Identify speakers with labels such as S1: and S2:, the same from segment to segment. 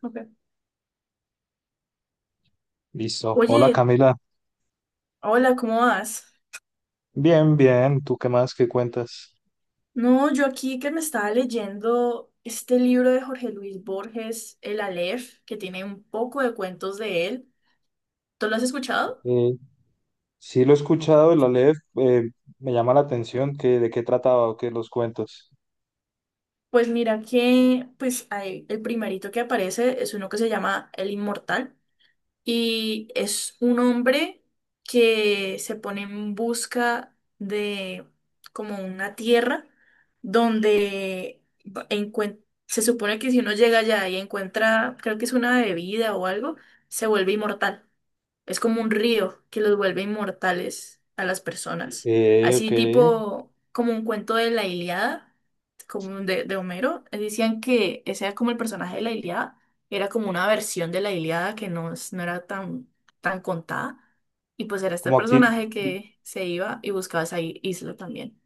S1: Ok.
S2: Listo. Hola
S1: Oye,
S2: Camila.
S1: hola, ¿cómo vas?
S2: Bien, bien. ¿Tú qué más? ¿Qué cuentas?
S1: No, yo aquí que me estaba leyendo este libro de Jorge Luis Borges, El Aleph, que tiene un poco de cuentos de él. ¿Tú lo has escuchado?
S2: Eh, sí, lo he escuchado, el Aleph. Me llama la atención que, ¿de qué trataba o qué los cuentos?
S1: Pues mira que, pues el primerito que aparece es uno que se llama El Inmortal. Y es un hombre que se pone en busca de como una tierra donde se supone que si uno llega allá y encuentra, creo que es una bebida o algo, se vuelve inmortal. Es como un río que los vuelve inmortales a las personas. Así
S2: Ok.
S1: tipo, como un cuento de la Ilíada, como de Homero. Decían que ese era como el personaje de la Ilíada. Era como una versión de la Ilíada que no, no era tan, tan contada. Y pues era este
S2: Como aquí,
S1: personaje que se iba y buscaba esa isla también.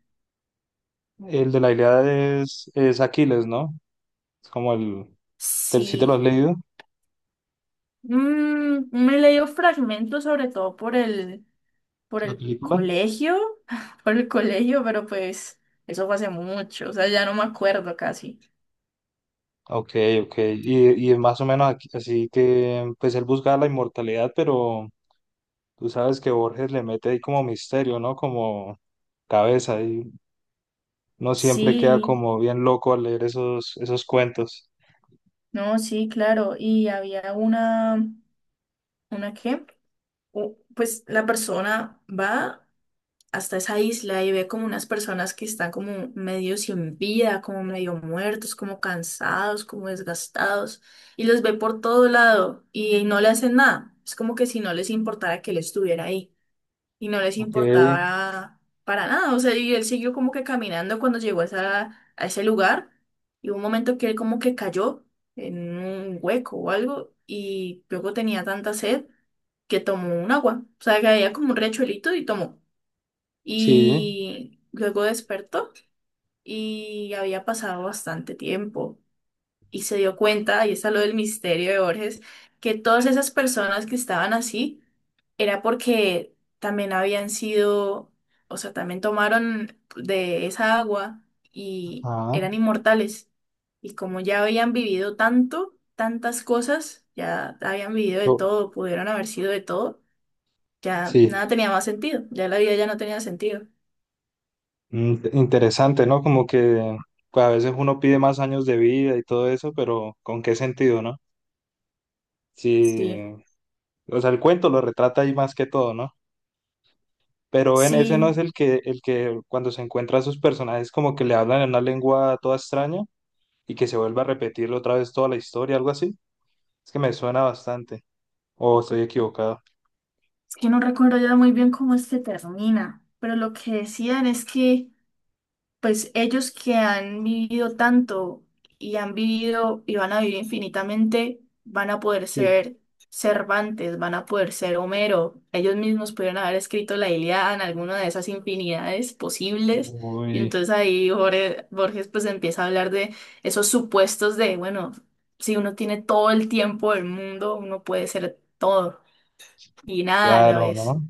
S2: el de la Ilíada es Aquiles, ¿no? Es como el... sí te
S1: Sí.
S2: lo has leído?
S1: Mm, me he leído fragmentos sobre todo por
S2: ¿La
S1: el
S2: película?
S1: colegio, por el colegio, pero pues eso fue hace mucho, o sea, ya no me acuerdo casi.
S2: Ok, ok. Y, más o menos así que, pues él busca la inmortalidad, pero tú sabes que Borges le mete ahí como misterio, ¿no? Como cabeza. No siempre queda
S1: Sí,
S2: como bien loco al leer esos cuentos.
S1: no, sí, claro, y había ¿una qué? Pues la persona va hasta esa isla y ve como unas personas que están como medio sin vida, como medio muertos, como cansados, como desgastados, y los ve por todo lado y no le hacen nada. Es como que si no les importara que él estuviera ahí. Y no les
S2: Ok,
S1: importaba para nada. O sea, y él siguió como que caminando cuando llegó a, a ese lugar y hubo un momento que él como que cayó en un hueco o algo y luego tenía tanta sed que tomó un agua. O sea, que había como un riachuelito y tomó.
S2: sí,
S1: Y luego despertó y había pasado bastante tiempo y se dio cuenta, y está lo del misterio de Borges, que todas esas personas que estaban así era porque también habían sido, o sea, también tomaron de esa agua y
S2: ah,
S1: eran inmortales. Y como ya habían vivido tanto, tantas cosas, ya habían vivido de
S2: so-
S1: todo, pudieron haber sido de todo, ya
S2: sí.
S1: nada tenía más sentido, ya la vida ya no tenía sentido.
S2: Mm, interesante, ¿no? Como que pues, a veces uno pide más años de vida y todo eso, pero ¿con qué sentido, no? Sí,
S1: Sí,
S2: o sea, el cuento lo retrata ahí más que todo, ¿no? Pero en ese no es
S1: sí,
S2: el que, cuando se encuentra a sus personajes, como que le hablan en una lengua toda extraña y que se vuelve a repetir otra vez toda la historia, algo así. Es que me suena bastante. O estoy equivocado.
S1: es que no recuerdo ya muy bien cómo es que termina, pero lo que decían es que pues ellos que han vivido tanto y han vivido y van a vivir infinitamente, van a poder
S2: Sí.
S1: ser Cervantes, van a poder ser Homero. Ellos mismos pudieron haber escrito la Ilíada en alguna de esas infinidades posibles. Y
S2: Uy.
S1: entonces ahí Borges pues empieza a hablar de esos supuestos de, bueno, si uno tiene todo el tiempo del mundo, uno puede ser todo y nada a la
S2: Claro,
S1: vez.
S2: ¿no?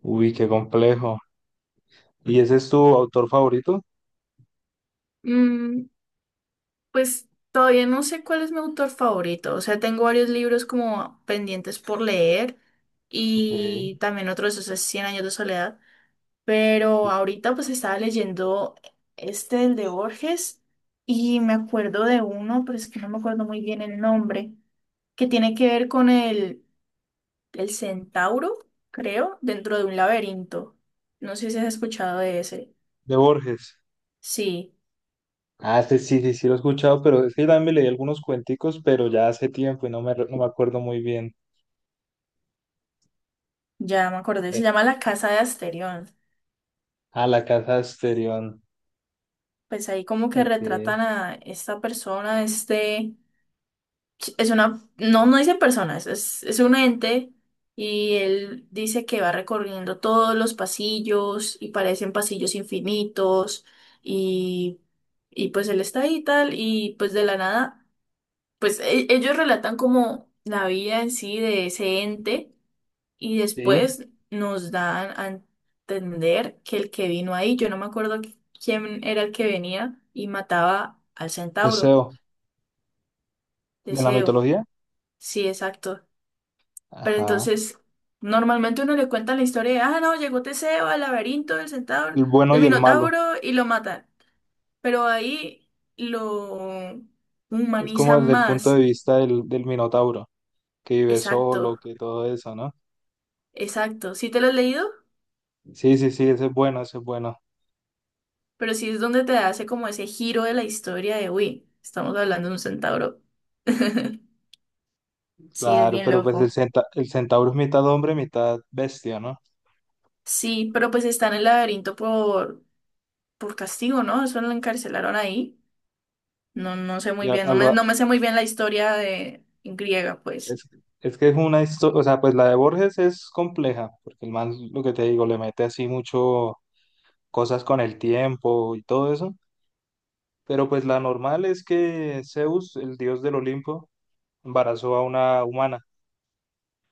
S2: Uy, qué complejo. ¿Y ese es tu autor favorito?
S1: Pues todavía no sé cuál es mi autor favorito. O sea, tengo varios libros como pendientes por leer
S2: Ok,
S1: y también otro de esos Cien años de soledad. Pero
S2: sí.
S1: ahorita pues estaba leyendo este, el de Borges, y me acuerdo de uno, pero es que no me acuerdo muy bien el nombre, que tiene que ver con el centauro, creo, dentro de un laberinto. No sé si has escuchado de ese.
S2: De Borges.
S1: Sí,
S2: Ah, sí, sí, sí, sí lo he escuchado, pero es que también me leí algunos cuenticos, pero ya hace tiempo y no me acuerdo muy bien.
S1: ya me acordé. Se
S2: Eh,
S1: llama La Casa de Asterión.
S2: Ah, La Casa de Asterión.
S1: Pues ahí como que
S2: Ok,
S1: retratan a esta persona, este, es una, no, no dice persona, es un ente y él dice que va recorriendo todos los pasillos y parecen pasillos infinitos y, y pues él está ahí y tal y pues de la nada, pues ellos relatan como la vida en sí de ese ente y
S2: sí.
S1: después nos dan a entender que el que vino ahí, yo no me acuerdo quién era el que venía y mataba al centauro,
S2: Teseo. ¿De la
S1: Deseo.
S2: mitología?
S1: Sí, exacto. Pero
S2: Ajá.
S1: entonces, normalmente uno le cuenta la historia de, ah, no, llegó Teseo al laberinto del centauro,
S2: El bueno
S1: del
S2: y el malo.
S1: minotauro y lo matan. Pero ahí lo
S2: Es como
S1: humanizan
S2: desde el punto de
S1: más.
S2: vista del Minotauro, que vive solo,
S1: Exacto,
S2: que todo eso, ¿no?
S1: exacto. ¿Sí te lo has leído?
S2: Sí, sí, sí, ese es bueno, ese es bueno.
S1: Pero sí es donde te hace como ese giro de la historia de, uy, estamos hablando de un centauro. Sí, es
S2: Claro,
S1: bien
S2: pero pues
S1: loco.
S2: el centauro es mitad hombre, mitad bestia, ¿no?
S1: Sí, pero pues está en el laberinto por castigo, ¿no? Eso lo encarcelaron ahí. No, no sé
S2: Y
S1: muy
S2: a-
S1: bien,
S2: algo-
S1: no
S2: a-
S1: me sé muy bien la historia de en griega, pues.
S2: es, es que es una historia, o sea, pues la de Borges es compleja, porque el man, lo que te digo, le mete así mucho cosas con el tiempo y todo eso, pero pues la normal es que Zeus, el dios del Olimpo, embarazó a una humana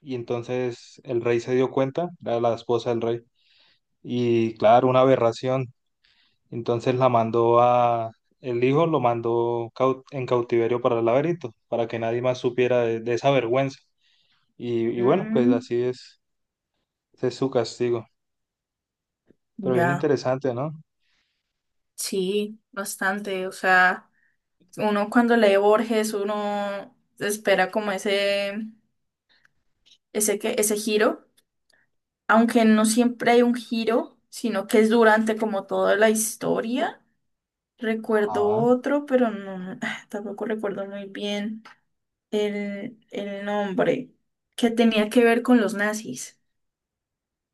S2: y entonces el rey se dio cuenta, era la esposa del rey, y claro, una aberración. Entonces la mandó a, el hijo lo mandó en cautiverio para el laberinto, para que nadie más supiera de esa vergüenza. Y bueno, pues
S1: Mm,
S2: así es, ese es su castigo. Pero bien
S1: ya,
S2: interesante, ¿no?
S1: sí, bastante. O sea, uno cuando lee Borges, uno espera como ese, ese giro. Aunque no siempre hay un giro, sino que es durante como toda la historia. Recuerdo
S2: Ajá.
S1: otro, pero no, ah, tampoco recuerdo muy bien el nombre, que tenía que ver con los nazis.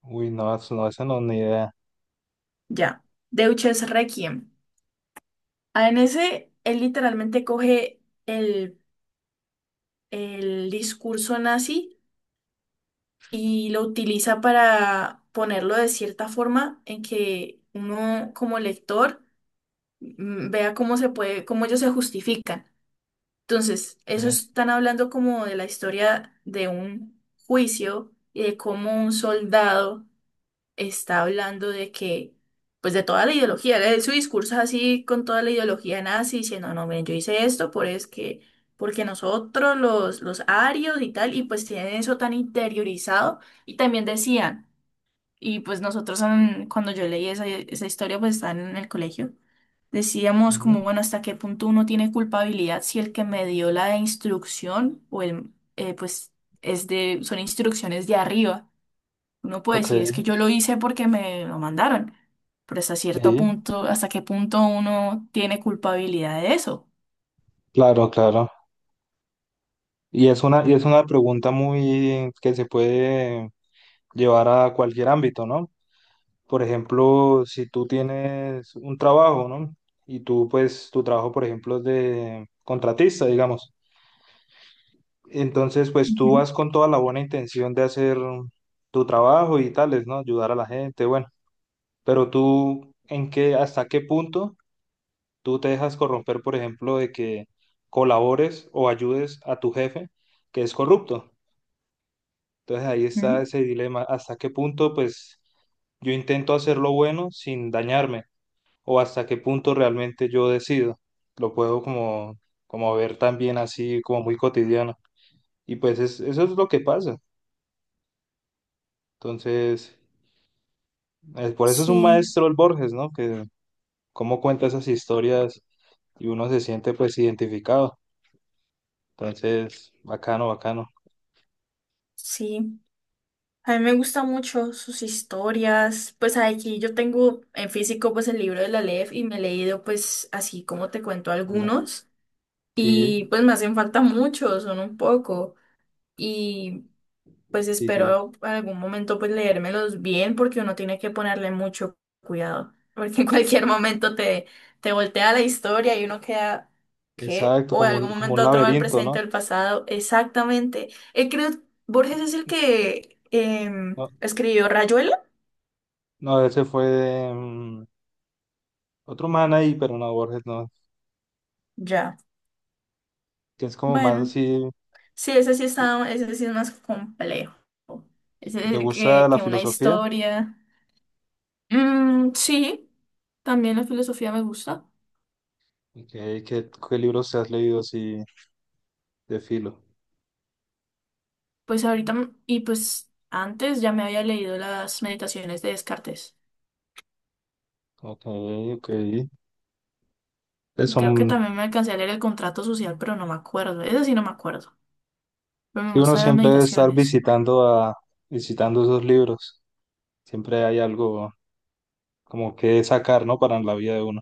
S2: Uy, no, eso no, esa no, ni idea.
S1: Ya, Deutsches Requiem. Ah, en ese, él literalmente coge el discurso nazi y lo utiliza para ponerlo de cierta forma en que uno como lector vea cómo se puede, cómo ellos se justifican. Entonces, eso
S2: Eh,
S1: están hablando como de la historia de un juicio y de cómo un soldado está hablando de que, pues de toda la ideología, su discurso es así con toda la ideología nazi, diciendo, no, miren, yo hice esto por es que, porque nosotros los arios y tal, y pues tienen eso tan interiorizado, y también decían, y pues nosotros, cuando yo leí esa, esa historia, pues estaban en el colegio. Decíamos
S2: ujú.
S1: como, bueno, ¿hasta qué punto uno tiene culpabilidad si el que me dio la instrucción o el, pues, es de, son instrucciones de arriba? Uno puede
S2: Ok,
S1: decir, es que yo lo hice porque me lo mandaron, pero hasta cierto
S2: sí,
S1: punto, ¿hasta qué punto uno tiene culpabilidad de eso?
S2: claro, claro. Y es una pregunta muy que se puede llevar a cualquier ámbito, ¿no? Por ejemplo, si tú tienes un trabajo, ¿no? Y tú, pues, tu trabajo, por ejemplo, es de contratista, digamos. Entonces, pues tú
S1: Ujú,
S2: vas con toda la buena intención de hacer tu trabajo y tales, ¿no? Ayudar a la gente, bueno. Pero tú, ¿hasta qué punto tú te dejas corromper, por ejemplo, de que colabores o ayudes a tu jefe que es corrupto? Entonces ahí está
S1: ujú.
S2: ese dilema, hasta qué punto, pues, yo intento hacer lo bueno sin dañarme, o hasta qué punto realmente yo decido. Lo puedo como, como ver también así como muy cotidiano. Y pues eso es lo que pasa. Entonces, por eso es un
S1: Sí,
S2: maestro el Borges, ¿no? Que cómo cuenta esas historias y uno se siente pues identificado. Entonces, bacano, bacano.
S1: sí. A mí me gusta mucho sus historias, pues aquí yo tengo en físico pues el libro de la LEF y me he leído pues así como te cuento
S2: Hombre,
S1: algunos
S2: sí,
S1: y pues me hacen falta muchos, son un poco. Y pues
S2: sí, sí.
S1: espero algún momento pues leérmelos bien porque uno tiene que ponerle mucho cuidado, porque en cualquier momento te, te voltea la historia y uno queda, ¿qué?
S2: Exacto,
S1: O en algún
S2: como un
S1: momento otro va al
S2: laberinto,
S1: presente
S2: ¿no?
S1: o al pasado, exactamente. Creo, Borges es el que
S2: No,
S1: escribió Rayuela,
S2: no, ese fue otro man ahí, pero no, Borges no,
S1: ya,
S2: que es como más
S1: bueno,
S2: así,
S1: sí, ese sí está, ese sí es más complejo,
S2: y te
S1: ese
S2: gusta la
S1: que una
S2: filosofía.
S1: historia. Mm, sí, también la filosofía me gusta.
S2: Ok, qué libros te has leído así de filo?
S1: Pues ahorita, y pues antes ya me había leído las meditaciones de Descartes.
S2: Ok, ok. Pues
S1: Creo que
S2: son,
S1: también me alcancé a leer el contrato social, pero no me acuerdo. Eso sí no me acuerdo. Pero me
S2: sí, uno
S1: gustan las
S2: siempre debe estar
S1: meditaciones.
S2: visitando a, visitando esos libros. Siempre hay algo como que sacar, ¿no? Para la vida de uno.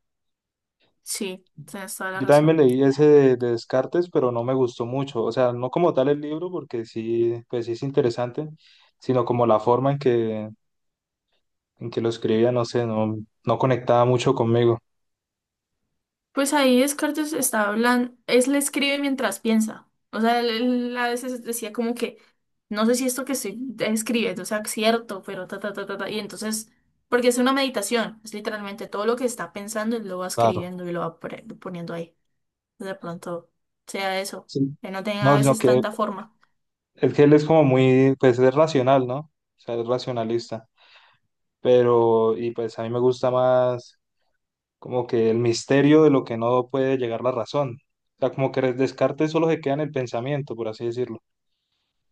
S1: Sí, tienes toda la
S2: Yo también
S1: razón.
S2: me leí ese de Descartes, pero no me gustó mucho. O sea, no como tal el libro, porque sí, pues sí es interesante, sino como la forma en que lo escribía, no sé, no, no conectaba mucho conmigo.
S1: Pues ahí Descartes está hablando, es le escribe mientras piensa. O sea, él a veces decía como que, no sé si esto que estoy escribiendo sea cierto, pero ta, ta, ta, ta, ta. Y entonces, porque es una meditación, es literalmente todo lo que está pensando, él lo va
S2: Claro.
S1: escribiendo y lo va poniendo ahí. De pronto sea eso,
S2: Sí.
S1: que no tengan a
S2: No, sino
S1: veces
S2: que
S1: tanta forma.
S2: es que él es como muy, pues es racional, ¿no? O sea, es racionalista. Pero, y pues a mí me gusta más como que el misterio de lo que no puede llegar la razón. O sea, como que Descartes solo se queda en el pensamiento, por así decirlo.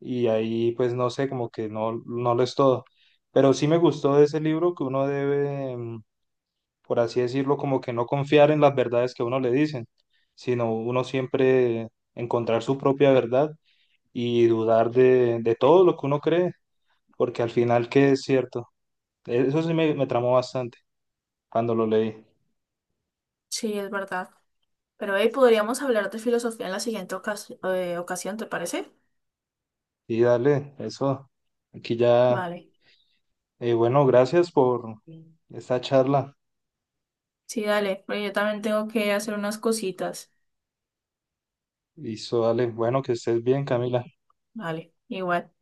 S2: Y ahí, pues no sé, como que no, no lo es todo. Pero sí me gustó de ese libro que uno debe, mm, por así decirlo, como que no confiar en las verdades que a uno le dicen, sino uno siempre encontrar su propia verdad y dudar de todo lo que uno cree, porque al final que es cierto. Eso sí me tramó bastante cuando lo leí.
S1: Sí, es verdad. Pero hey, podríamos hablar de filosofía en la siguiente ocasión, ¿te parece?
S2: Y dale, eso. Aquí ya,
S1: Vale.
S2: bueno, gracias por esta charla.
S1: Sí, dale, pero yo también tengo que hacer unas cositas.
S2: Y eso, dale, bueno, que estés bien, Camila.
S1: Vale, igual.